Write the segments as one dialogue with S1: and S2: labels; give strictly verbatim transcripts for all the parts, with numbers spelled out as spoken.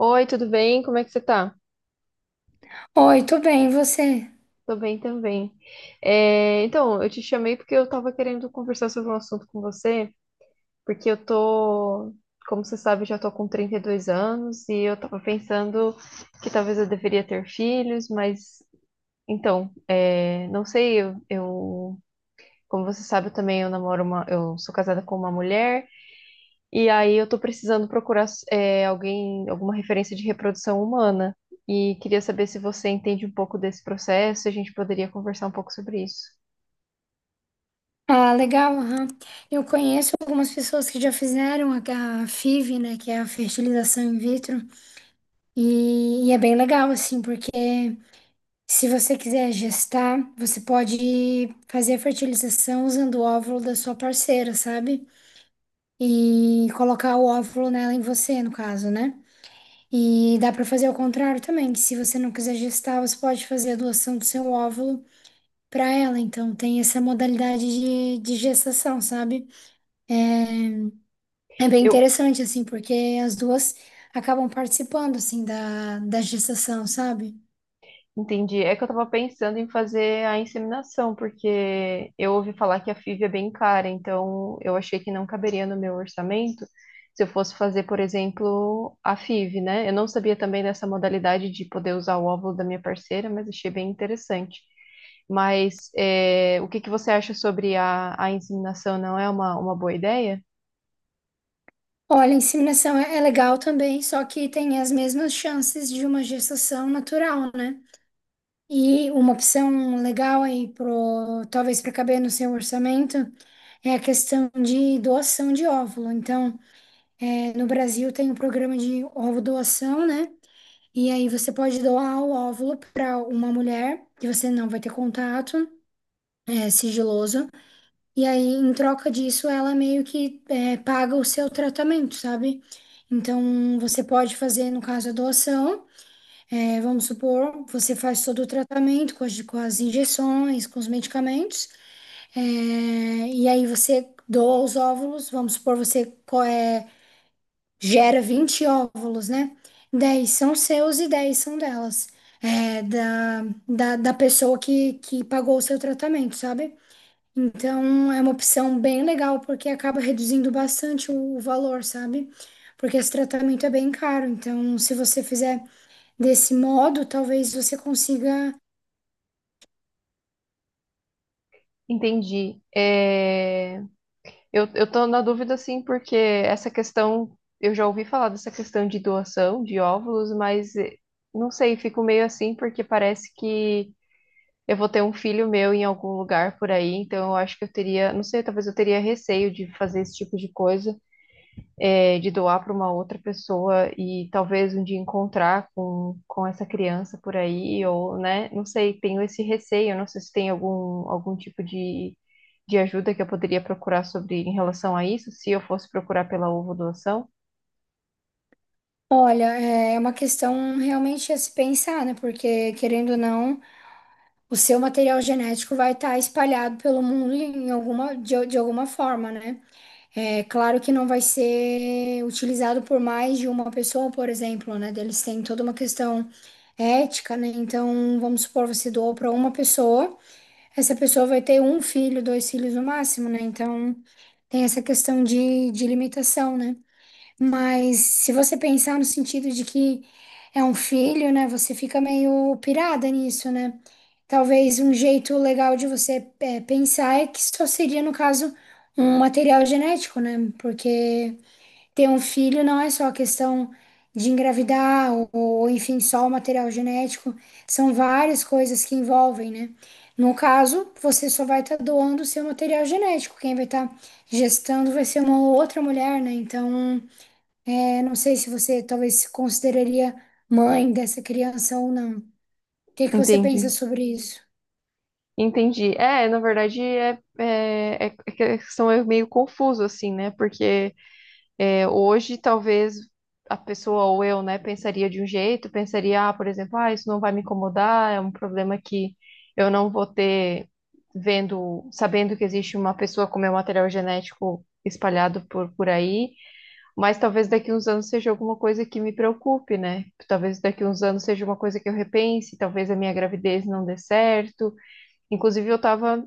S1: Oi, tudo bem? Como é que você tá?
S2: Oi, tudo bem, e você?
S1: Tô bem também. É, então, eu te chamei porque eu tava querendo conversar sobre um assunto com você, porque eu tô, como você sabe, eu já tô com trinta e dois anos e eu tava pensando que talvez eu deveria ter filhos, mas então, é, não sei, eu, eu- como você sabe, eu também eu namoro uma, eu sou casada com uma mulher. E aí eu tô precisando procurar é, alguém, alguma referência de reprodução humana. E queria saber se você entende um pouco desse processo, se a gente poderia conversar um pouco sobre isso.
S2: Ah, legal, aham. Eu conheço algumas pessoas que já fizeram a, a FIV, né, que é a fertilização in vitro, e, e é bem legal, assim, porque se você quiser gestar, você pode fazer a fertilização usando o óvulo da sua parceira, sabe? E colocar o óvulo nela em você, no caso, né? E dá para fazer ao contrário também, que se você não quiser gestar, você pode fazer a doação do seu óvulo para ela. Então, tem essa modalidade de, de gestação, sabe? É, É bem
S1: Eu,
S2: interessante, assim, porque as duas acabam participando, assim, da, da gestação, sabe?
S1: Entendi. É que eu tava pensando em fazer a inseminação, porque eu ouvi falar que a fi ve é bem cara, então eu achei que não caberia no meu orçamento se eu fosse fazer, por exemplo, a fi ve, né? Eu não sabia também dessa modalidade de poder usar o óvulo da minha parceira, mas achei bem interessante. Mas é, o que que você acha sobre a, a inseminação? Não é uma, uma boa ideia?
S2: Olha, a inseminação é, é legal também, só que tem as mesmas chances de uma gestação natural, né? E uma opção legal aí, pro, talvez para caber no seu orçamento, é a questão de doação de óvulo. Então, é, no Brasil tem um programa de ovo doação, né? E aí você pode doar o óvulo para uma mulher que você não vai ter contato, é sigiloso. E aí, em troca disso, ela meio que é, paga o seu tratamento, sabe? Então, você pode fazer, no caso, a doação. É, vamos supor, você faz todo o tratamento com as, com as injeções, com os medicamentos. é, e aí você doa os óvulos. Vamos supor, você co- é, gera vinte óvulos, né? Dez são seus e dez são delas, é, da, da, da pessoa que, que pagou o seu tratamento, sabe? Então é uma opção bem legal porque acaba reduzindo bastante o, o valor, sabe? Porque esse tratamento é bem caro. Então, se você fizer desse modo, talvez você consiga.
S1: Entendi. É, Eu, eu tô na dúvida, assim, porque essa questão, eu já ouvi falar dessa questão de doação de óvulos, mas eh, não sei, fico meio assim, porque parece que eu vou ter um filho meu em algum lugar por aí, então eu acho que eu teria, não sei, talvez eu teria receio de fazer esse tipo de coisa, é, de doar para uma outra pessoa e talvez um dia encontrar com, com essa criança por aí, ou, né? Não sei, tenho esse receio, não sei se tem algum, algum tipo de, de ajuda que eu poderia procurar sobre em relação a isso, se eu fosse procurar pela ovo doação.
S2: Olha, é é uma questão realmente a se pensar, né? Porque querendo ou não, o seu material genético vai estar espalhado pelo mundo em alguma, de, de alguma forma, né? É claro que não vai ser utilizado por mais de uma pessoa, por exemplo, né? Eles têm toda uma questão ética, né? Então, vamos supor, você doou para uma pessoa, essa pessoa vai ter um filho, dois filhos no máximo, né? Então, tem essa questão de, de limitação, né? Mas se você pensar no sentido de que é um filho, né, você fica meio pirada nisso, né? Talvez um jeito legal de você é, pensar é que só seria, no caso, um material genético, né? Porque ter um filho não é só questão de engravidar ou, ou, enfim, só o material genético. São várias coisas que envolvem, né? No caso, você só vai estar doando o seu material genético. Quem vai estar gestando vai ser uma outra mulher, né? Então, eu não sei se você talvez se consideraria mãe dessa criança ou não. O que que você pensa
S1: Entendi.
S2: sobre isso?
S1: Entendi. É, na verdade, é, é, é, é que a questão é meio confuso, assim, né? Porque é, hoje, talvez a pessoa ou eu, né, pensaria de um jeito, pensaria, ah, por exemplo, ah, isso não vai me incomodar, é um problema que eu não vou ter vendo, sabendo que existe uma pessoa com meu material genético espalhado por, por aí, mas talvez daqui uns anos seja alguma coisa que me preocupe, né? Talvez daqui uns anos seja uma coisa que eu repense, talvez a minha gravidez não dê certo. Inclusive, eu estava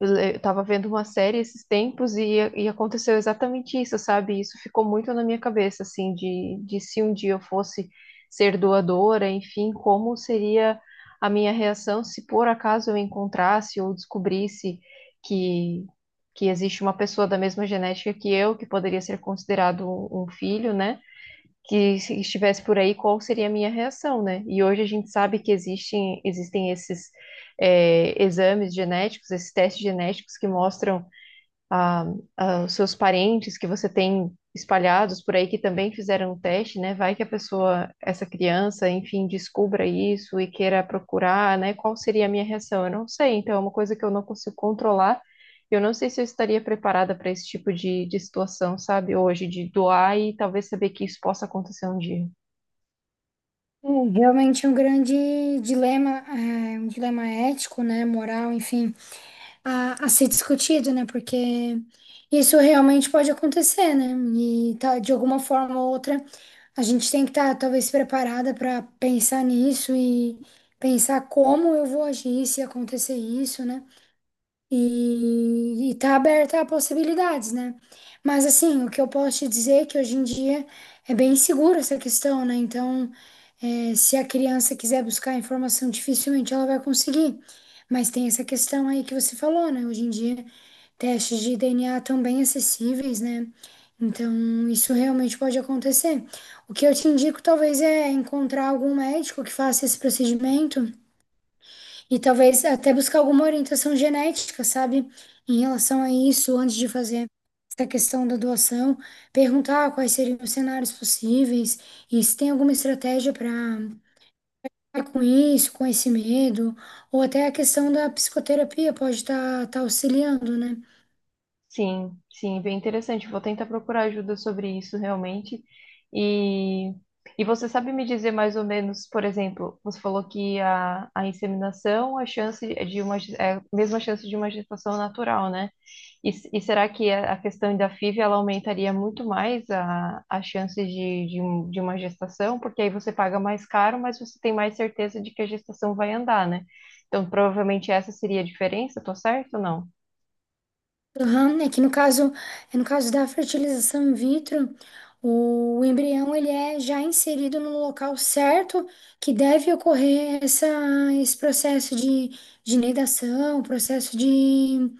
S1: eu estava vendo uma série esses tempos e, e aconteceu exatamente isso, sabe? Isso ficou muito na minha cabeça, assim, de, de se um dia eu fosse ser doadora, enfim, como seria a minha reação se por acaso eu encontrasse ou descobrisse que, que existe uma pessoa da mesma genética que eu, que poderia ser considerado um um filho, né? Que se estivesse por aí, qual seria a minha reação, né? E hoje a gente sabe que existem, existem esses é, exames genéticos, esses testes genéticos que mostram a, a- os seus parentes que você tem espalhados por aí que também fizeram o teste, né? Vai que a pessoa, essa criança, enfim, descubra isso e queira procurar, né? Qual seria a minha reação? Eu não sei. Então, é uma coisa que eu não consigo controlar. Eu não sei se eu estaria preparada para esse tipo de, de situação, sabe? Hoje, de doar e talvez saber que isso possa acontecer um dia.
S2: Hum, realmente é um grande dilema, é, um dilema ético, né, moral, enfim, a, a ser discutido, né, porque isso realmente pode acontecer, né, e tá, de alguma forma ou outra a gente tem que estar talvez preparada para pensar nisso e pensar como eu vou agir se acontecer isso, né. E, e tá aberta a possibilidades, né? Mas assim, o que eu posso te dizer é que hoje em dia é bem seguro essa questão, né? Então, eh, se a criança quiser buscar informação, dificilmente ela vai conseguir. Mas tem essa questão aí que você falou, né? Hoje em dia, testes de D N A estão bem acessíveis, né? Então, isso realmente pode acontecer. O que eu te indico, talvez, é encontrar algum médico que faça esse procedimento e talvez até buscar alguma orientação genética, sabe? Em relação a isso, antes de fazer essa questão da doação, perguntar quais seriam os cenários possíveis e se tem alguma estratégia para com isso, com esse medo, ou até a questão da psicoterapia pode estar auxiliando, né?
S1: Sim, sim, bem interessante. Vou tentar procurar ajuda sobre isso realmente. E, e você sabe me dizer mais ou menos, por exemplo, você falou que a, a inseminação, a chance é de uma, ge- é a mesma chance de uma gestação natural, né? E, s- e será que a, a questão da fi ve ela aumentaria muito mais a, a chance de, de, um- de uma gestação? Porque aí você paga mais caro, mas você tem mais certeza de que a gestação vai andar, né? Então, provavelmente essa seria a diferença, tô certo ou não?
S2: Aham, é que no caso, é no caso da fertilização in vitro, o embrião ele é já inserido no local certo que deve ocorrer essa, esse processo de, de nidação, processo de,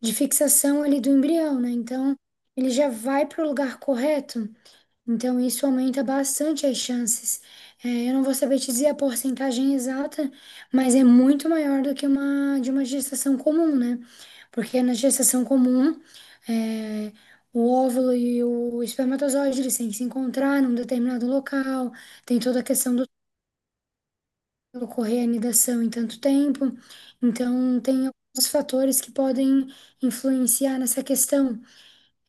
S2: de fixação ali do embrião, né? Então, ele já vai para o lugar correto. Então, isso aumenta bastante as chances. É, eu não vou saber te dizer a porcentagem exata, mas é muito maior do que uma de uma gestação comum, né? Porque na gestação comum, é, o óvulo e o espermatozoide, eles têm que se encontrar num determinado local, tem toda a questão do ocorrer a anidação em tanto tempo. Então, tem alguns fatores que podem influenciar nessa questão.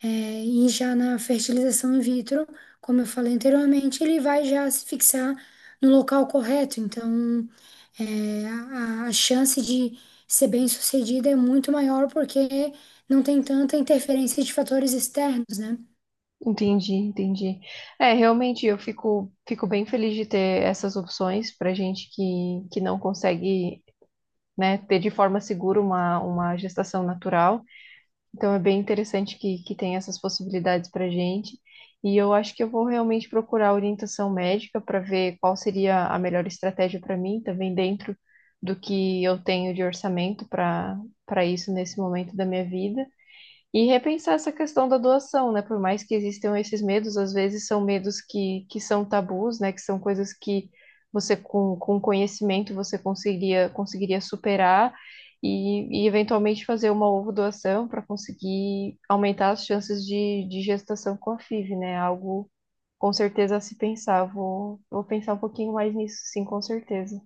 S2: É, e já na fertilização in vitro, como eu falei anteriormente, ele vai já se fixar no local correto. Então, é, a, a chance de ser bem-sucedida é muito maior porque não tem tanta interferência de fatores externos, né?
S1: Entendi, entendi. É, realmente eu fico, fico bem feliz de ter essas opções para gente que, que não consegue, né, ter de forma segura uma, uma gestação natural. Então é bem interessante que, que tem essas possibilidades para gente. E eu acho que eu vou realmente procurar orientação médica para ver qual seria a melhor estratégia para mim, também dentro do que eu tenho de orçamento para para isso nesse momento da minha vida. E repensar essa questão da doação, né? Por mais que existam esses medos, às vezes são medos que, que são tabus, né? Que são coisas que você, com, com conhecimento, você conseguiria, conseguiria superar e, e eventualmente fazer uma ovo doação para conseguir aumentar as chances de, de gestação com a fi ve, né? Algo com certeza a se pensar. Vou, vou pensar um pouquinho mais nisso, sim, com certeza.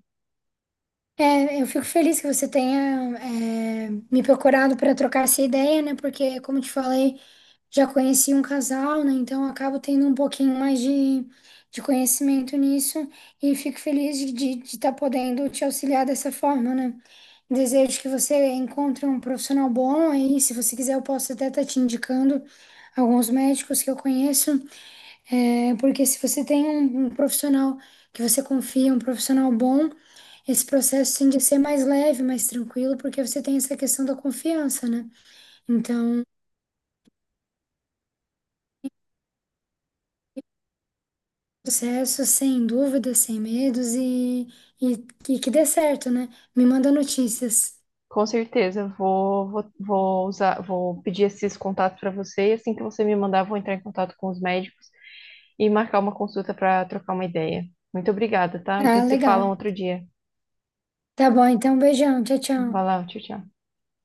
S2: É, eu fico feliz que você tenha, é, me procurado para trocar essa ideia, né? Porque, como eu te falei, já conheci um casal, né? Então, eu acabo tendo um pouquinho mais de, de conhecimento nisso e fico feliz de estar podendo te auxiliar dessa forma, né? Desejo que você encontre um profissional bom aí. Se você quiser, eu posso até estar te indicando alguns médicos que eu conheço. É, porque se você tem um, um profissional que você confia, um profissional bom, esse processo tende a ser mais leve, mais tranquilo, porque você tem essa questão da confiança, né? Então, processo sem dúvidas, sem medos e, e, e que dê certo, né? Me manda notícias.
S1: Com certeza, vou, vou, vou usar, vou pedir esses contatos para você e assim que você me mandar, vou entrar em contato com os médicos e marcar uma consulta para trocar uma ideia. Muito obrigada, tá? A
S2: Ah,
S1: gente se fala
S2: legal.
S1: um outro dia.
S2: Tá bom, então, beijão. Tchau, tchau.
S1: Vai lá, tchau, tchau.